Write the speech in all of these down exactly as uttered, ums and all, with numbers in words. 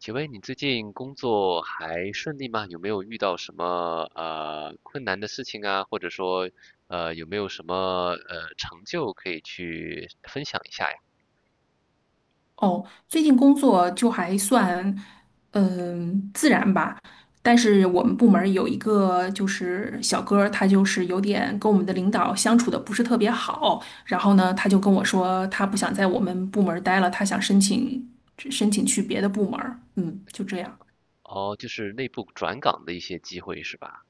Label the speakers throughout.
Speaker 1: 请问你最近工作还顺利吗？有没有遇到什么呃困难的事情啊？或者说呃有没有什么呃成就可以去分享一下呀？
Speaker 2: 哦，最近工作就还算，嗯，自然吧。但是我们部门儿有一个就是小哥儿他就是有点跟我们的领导相处的不是特别好。然后呢，他就跟我说，他不想在我们部门儿待了，他想申请申请去别的部门儿嗯，就这样。
Speaker 1: 哦，就是内部转岗的一些机会是吧？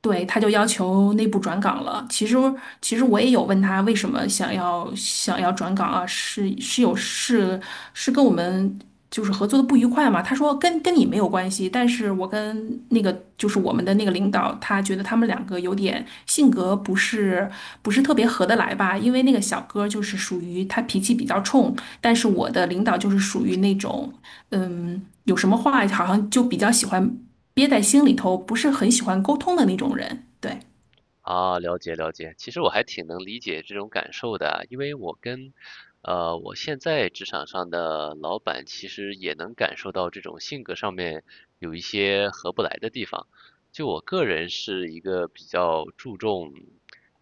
Speaker 2: 对，他就要求内部转岗了。其实，其实我也有问他为什么想要想要转岗啊？是是有是是跟我们就是合作的不愉快嘛？他说跟跟你没有关系，但是我跟那个就是我们的那个领导，他觉得他们两个有点性格不是不是特别合得来吧？因为那个小哥就是属于他脾气比较冲，但是我的领导就是属于那种。嗯，有什么话好像就比较喜欢憋在心里头，不是很喜欢沟通的那种人。对，
Speaker 1: 啊，了解了解。其实我还挺能理解这种感受的啊，因为我跟，呃，我现在职场上的老板其实也能感受到这种性格上面有一些合不来的地方。就我个人是一个比较注重，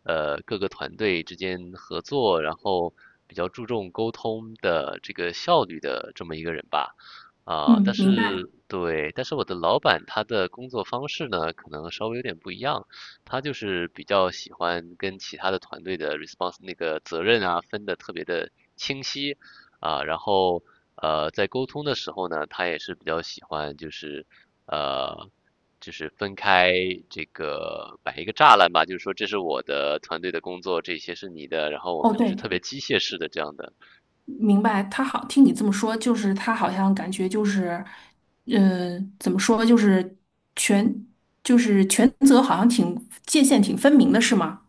Speaker 1: 呃，各个团队之间合作，然后比较注重沟通的这个效率的这么一个人吧。啊，但
Speaker 2: 嗯，明白。
Speaker 1: 是对，但是我的老板他的工作方式呢，可能稍微有点不一样。他就是比较喜欢跟其他的团队的 response 那个责任啊分的特别的清晰啊，然后呃在沟通的时候呢，他也是比较喜欢就是呃就是分开这个摆一个栅栏吧，就是说这是我的团队的工作，这些是你的，然后我
Speaker 2: 哦，
Speaker 1: 们就是
Speaker 2: 对，
Speaker 1: 特别机械式的这样的
Speaker 2: 明白。他好，听你这么说，就是他好像感觉就是，嗯、怎么说，就是权，就是权责好像挺界限挺分明的，是吗？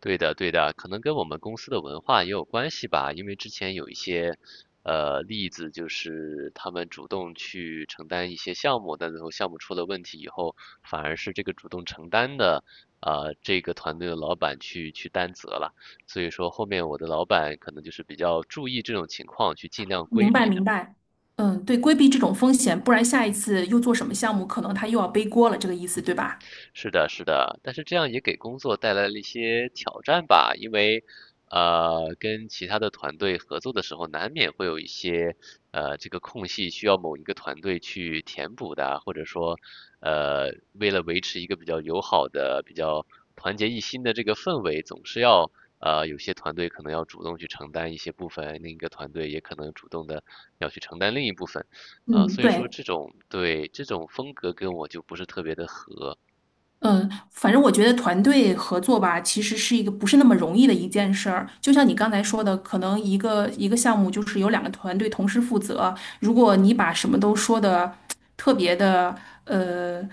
Speaker 1: 对的，对的，可能跟我们公司的文化也有关系吧。因为之前有一些，呃，例子就是他们主动去承担一些项目，但最后项目出了问题以后，反而是这个主动承担的，呃，这个团队的老板去去担责了。所以说后面我的老板可能就是比较注意这种情况，去尽量规
Speaker 2: 明白，
Speaker 1: 避。
Speaker 2: 明白。嗯，对，规避这种风险，不然下一次又做什么项目，可能他又要背锅了，这个意思，对吧？
Speaker 1: 是的，是的，但是这样也给工作带来了一些挑战吧，因为呃，跟其他的团队合作的时候，难免会有一些呃这个空隙需要某一个团队去填补的啊，或者说呃为了维持一个比较友好的、比较团结一心的这个氛围，总是要呃有些团队可能要主动去承担一些部分，另一个团队也可能主动的要去承担另一部分，啊、
Speaker 2: 嗯，
Speaker 1: 所以说
Speaker 2: 对。
Speaker 1: 这种对这种风格跟我就不是特别的合。
Speaker 2: 嗯，反正我觉得团队合作吧，其实是一个不是那么容易的一件事儿。就像你刚才说的，可能一个一个项目就是有两个团队同时负责。如果你把什么都说的特别的呃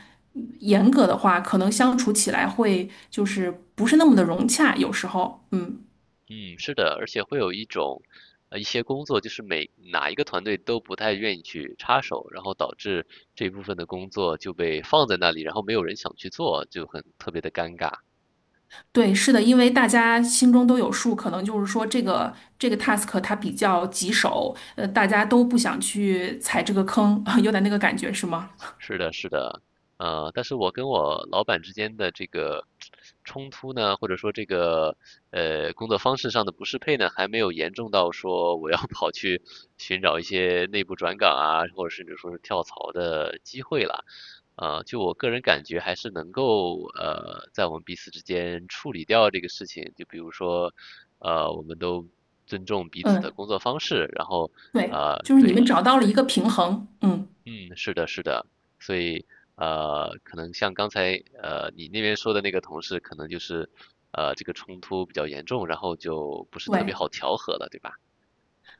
Speaker 2: 严格的话，可能相处起来会就是不是那么的融洽。有时候，嗯，
Speaker 1: 嗯，是的，而且会有一种，呃，一些工作就是每哪一个团队都不太愿意去插手，然后导致这部分的工作就被放在那里，然后没有人想去做，就很特别的尴尬。
Speaker 2: 对，是的，因为大家心中都有数，可能就是说这个这个 task 它比较棘手，呃，大家都不想去踩这个坑，有点那个感觉，是吗？
Speaker 1: 是的，是的，呃，但是我跟我老板之间的这个冲突呢，或者说这个呃工作方式上的不适配呢，还没有严重到说我要 跑去寻找一些内部转岗啊，或者甚至说是跳槽的机会了。呃，就我个人感觉，还是能够呃，在我们彼此之间处理掉这个事情。就比如说，呃，我们都尊重彼此
Speaker 2: 嗯，
Speaker 1: 的工作方式，然后
Speaker 2: 对，
Speaker 1: 呃，
Speaker 2: 就是你
Speaker 1: 对，
Speaker 2: 们找到了一个平衡，嗯，
Speaker 1: 嗯，是的，是的，所以呃，可能像刚才呃你那边说的那个同事，可能就是呃这个冲突比较严重，然后就不是特别
Speaker 2: 对。
Speaker 1: 好调和了，对吧？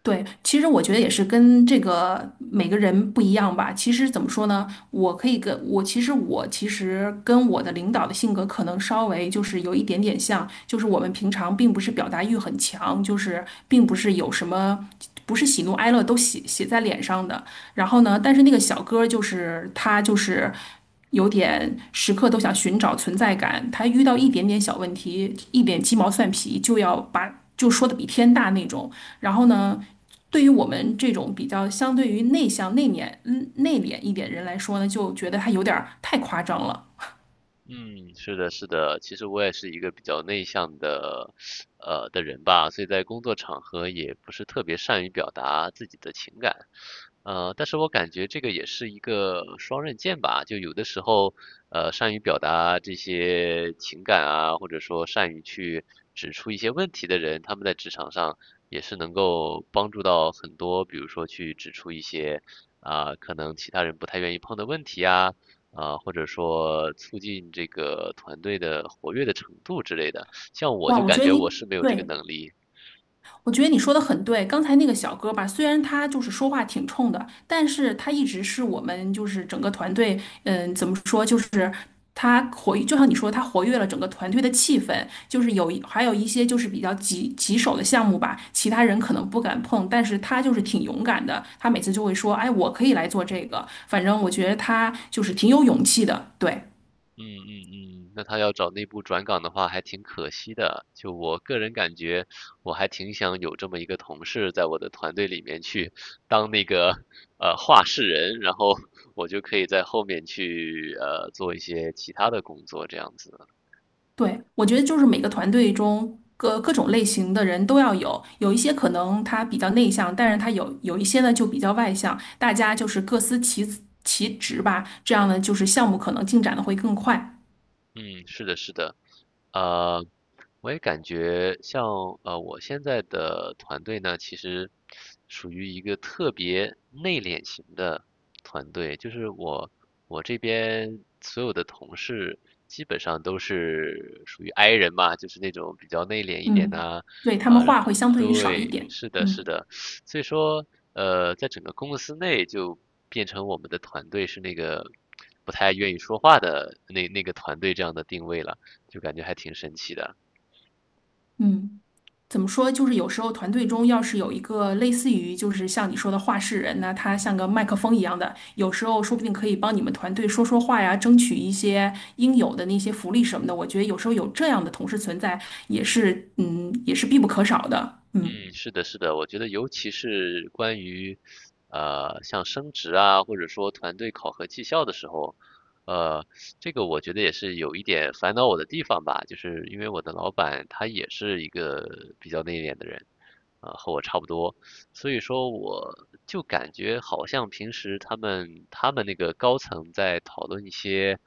Speaker 2: 对，其实我觉得也是跟这个每个人不一样吧。其实怎么说呢，我可以跟我其实我其实跟我的领导的性格可能稍微就是有一点点像，就是我们平常并不是表达欲很强，就是并不是有什么不是喜怒哀乐都写写在脸上的。然后呢，但是那个小哥儿就是他就是有点时刻都想寻找存在感，他遇到一点点小问题，一点鸡毛蒜皮就要把就说的比天大那种。然后呢？对于我们这种比较相对于内向、内敛、嗯内敛一点人来说呢，就觉得还有点儿太夸张了。
Speaker 1: 嗯，是的，是的，其实我也是一个比较内向的，呃的人吧，所以在工作场合也不是特别善于表达自己的情感，呃，但是我感觉这个也是一个双刃剑吧，就有的时候，呃，善于表达这些情感啊，或者说善于去指出一些问题的人，他们在职场上也是能够帮助到很多，比如说去指出一些啊，可能其他人不太愿意碰的问题啊。啊、或者说促进这个团队的活跃的程度之类的。像我
Speaker 2: 哇，
Speaker 1: 就
Speaker 2: 我
Speaker 1: 感
Speaker 2: 觉得
Speaker 1: 觉
Speaker 2: 你
Speaker 1: 我是没有这个
Speaker 2: 对。
Speaker 1: 能力。
Speaker 2: 我觉得你说的很对，刚才那个小哥吧，虽然他就是说话挺冲的，但是他一直是我们就是整个团队，嗯，怎么说，就是他活，就像你说，他活跃了整个团队的气氛，就是有一还有一些就是比较棘棘手的项目吧，其他人可能不敢碰，但是他就是挺勇敢的，他每次就会说，哎，我可以来做这个，反正我觉得他就是挺有勇气的，对。
Speaker 1: 嗯嗯嗯，那他要找内部转岗的话，还挺可惜的。就我个人感觉，我还挺想有这么一个同事在我的团队里面去当那个呃话事人，然后我就可以在后面去呃做一些其他的工作，这样子。
Speaker 2: 对，我觉得就是每个团队中各各种类型的人都要有，有一些可能他比较内向，但是他有有一些呢就比较外向，大家就是各司其其职吧，这样呢就是项目可能进展的会更快。
Speaker 1: 嗯，是的，是的，呃，我也感觉像呃，我现在的团队呢，其实属于一个特别内敛型的团队，就是我我这边所有的同事基本上都是属于 I 人嘛，就是那种比较内敛一点
Speaker 2: 嗯，
Speaker 1: 呐，
Speaker 2: 对，他
Speaker 1: 啊，
Speaker 2: 们
Speaker 1: 然
Speaker 2: 话
Speaker 1: 后
Speaker 2: 会相对于少一
Speaker 1: 对，
Speaker 2: 点。
Speaker 1: 是的，是
Speaker 2: 嗯
Speaker 1: 的，所以说，呃，在整个公司内就变成我们的团队是那个不太愿意说话的那那个团队这样的定位了，就感觉还挺神奇的。
Speaker 2: 嗯。怎么说，就是有时候团队中要是有一个类似于就是像你说的话事人呢，他像个麦克风一样的，有时候说不定可以帮你们团队说说话呀，争取一些应有的那些福利什么的。我觉得有时候有这样的同事存在，也是嗯，也是必不可少的。嗯，
Speaker 1: 嗯，是的，是的，我觉得尤其是关于，呃，像升职啊，或者说团队考核绩效的时候，呃，这个我觉得也是有一点烦恼我的地方吧，就是因为我的老板他也是一个比较内敛的人，啊、和我差不多，所以说我就感觉好像平时他们他们那个高层在讨论一些，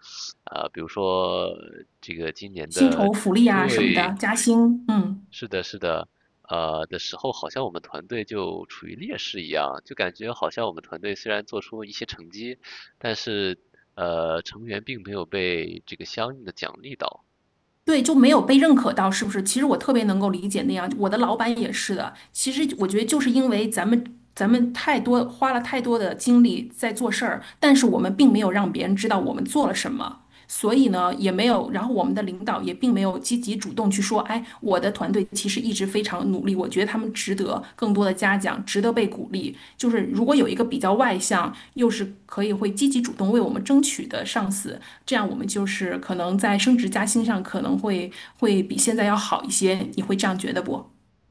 Speaker 1: 啊、比如说这个今年
Speaker 2: 薪
Speaker 1: 的
Speaker 2: 酬福利啊什么的，
Speaker 1: 对。
Speaker 2: 加薪，嗯。
Speaker 1: 是的，是的，呃的时候，好像我们团队就处于劣势一样，就感觉好像我们团队虽然做出一些成绩，但是呃成员并没有被这个相应的奖励到，
Speaker 2: 对，就没有被认可到，是不是？其实我特别能够理解那样，我的老板也是的。其实我觉得就是因为咱们咱们太多花了太多的精力在做事儿，但是我们并没有让别人知道我们做了什么。所以呢，也没有，然后我们的领导也并没有积极主动去说，哎，我的团队其实一直非常努力，我觉得他们值得更多的嘉奖，值得被鼓励。就是如果有一个比较外向，又是可以会积极主动为我们争取的上司，这样我们就是可能在升职加薪上可能会会比现在要好一些，你会这样觉得不？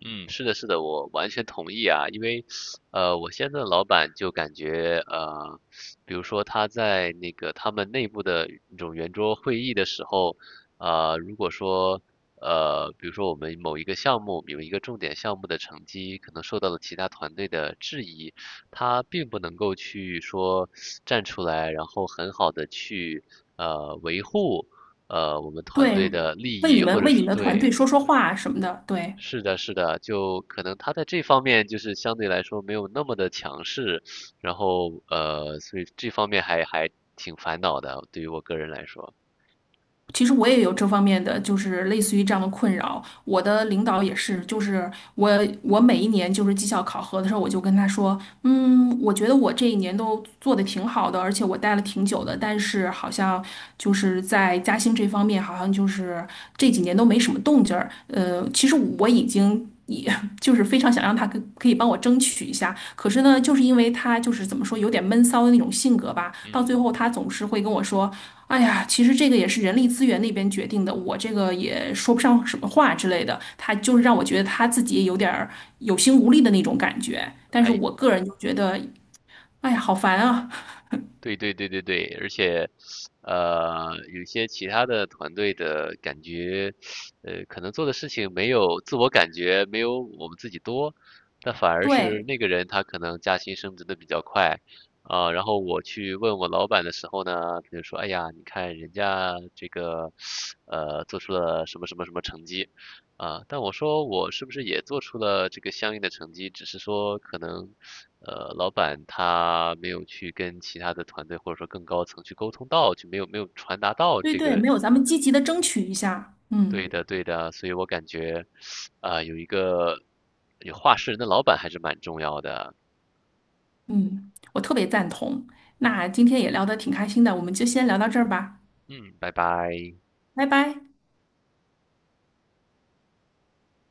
Speaker 1: 嗯，是的，是的，我完全同意啊，因为，呃，我现在的老板就感觉，呃，比如说他在那个他们内部的那种圆桌会议的时候，呃，如果说，呃，比如说我们某一个项目，有一个重点项目的成绩可能受到了其他团队的质疑，他并不能够去说站出来，然后很好的去，呃，维护。呃，我们团
Speaker 2: 对，
Speaker 1: 队的利
Speaker 2: 为你
Speaker 1: 益，或
Speaker 2: 们
Speaker 1: 者
Speaker 2: 为你
Speaker 1: 是
Speaker 2: 们的团
Speaker 1: 对，
Speaker 2: 队说说话什么的，对。
Speaker 1: 是的，是的，就可能他在这方面就是相对来说没有那么的强势，然后呃，所以这方面还还挺烦恼的，对于我个人来说，
Speaker 2: 其实我也有这方面的，就是类似于这样的困扰。我的领导也是，就是我我每一年就是绩效考核的时候，我就跟他说，嗯，我觉得我这一年都做的挺好的，而且我待了挺久的，但是好像就是在嘉兴这方面，好像就是这几年都没什么动静儿。呃，其实我已经就是非常想让他可可以帮我争取一下，可是呢，就是因为他就是怎么说有点闷骚的那种性格吧，到最后他总是会跟我说："哎呀，其实这个也是人力资源那边决定的，我这个也说不上什么话之类的。"他就是让我觉得他自己也有点儿有心无力的那种感觉，但是
Speaker 1: 哎。
Speaker 2: 我个人就觉得，哎呀，好烦啊！
Speaker 1: 对对对对对，而且，呃，有些其他的团队的感觉，呃，可能做的事情没有自我感觉没有我们自己多，但反而是
Speaker 2: 对
Speaker 1: 那个人他可能加薪升职的比较快，啊、然后我去问我老板的时候呢，他就说，哎呀，你看人家这个，呃，做出了什么什么什么成绩，啊，但我说我是不是也做出了这个相应的成绩，只是说可能，呃，老板他没有去跟其他的团队或者说更高层去沟通到，就没有没有传达到
Speaker 2: 对
Speaker 1: 这
Speaker 2: 对，
Speaker 1: 个
Speaker 2: 没有咱们积极的争取一下，嗯
Speaker 1: 对的对的，所以我感觉，啊、有一个有话事人的老板还是蛮重要的。
Speaker 2: 嗯，我特别赞同。那今天也聊得挺开心的，我们就先聊到这儿吧，
Speaker 1: 嗯，拜拜。
Speaker 2: 拜拜。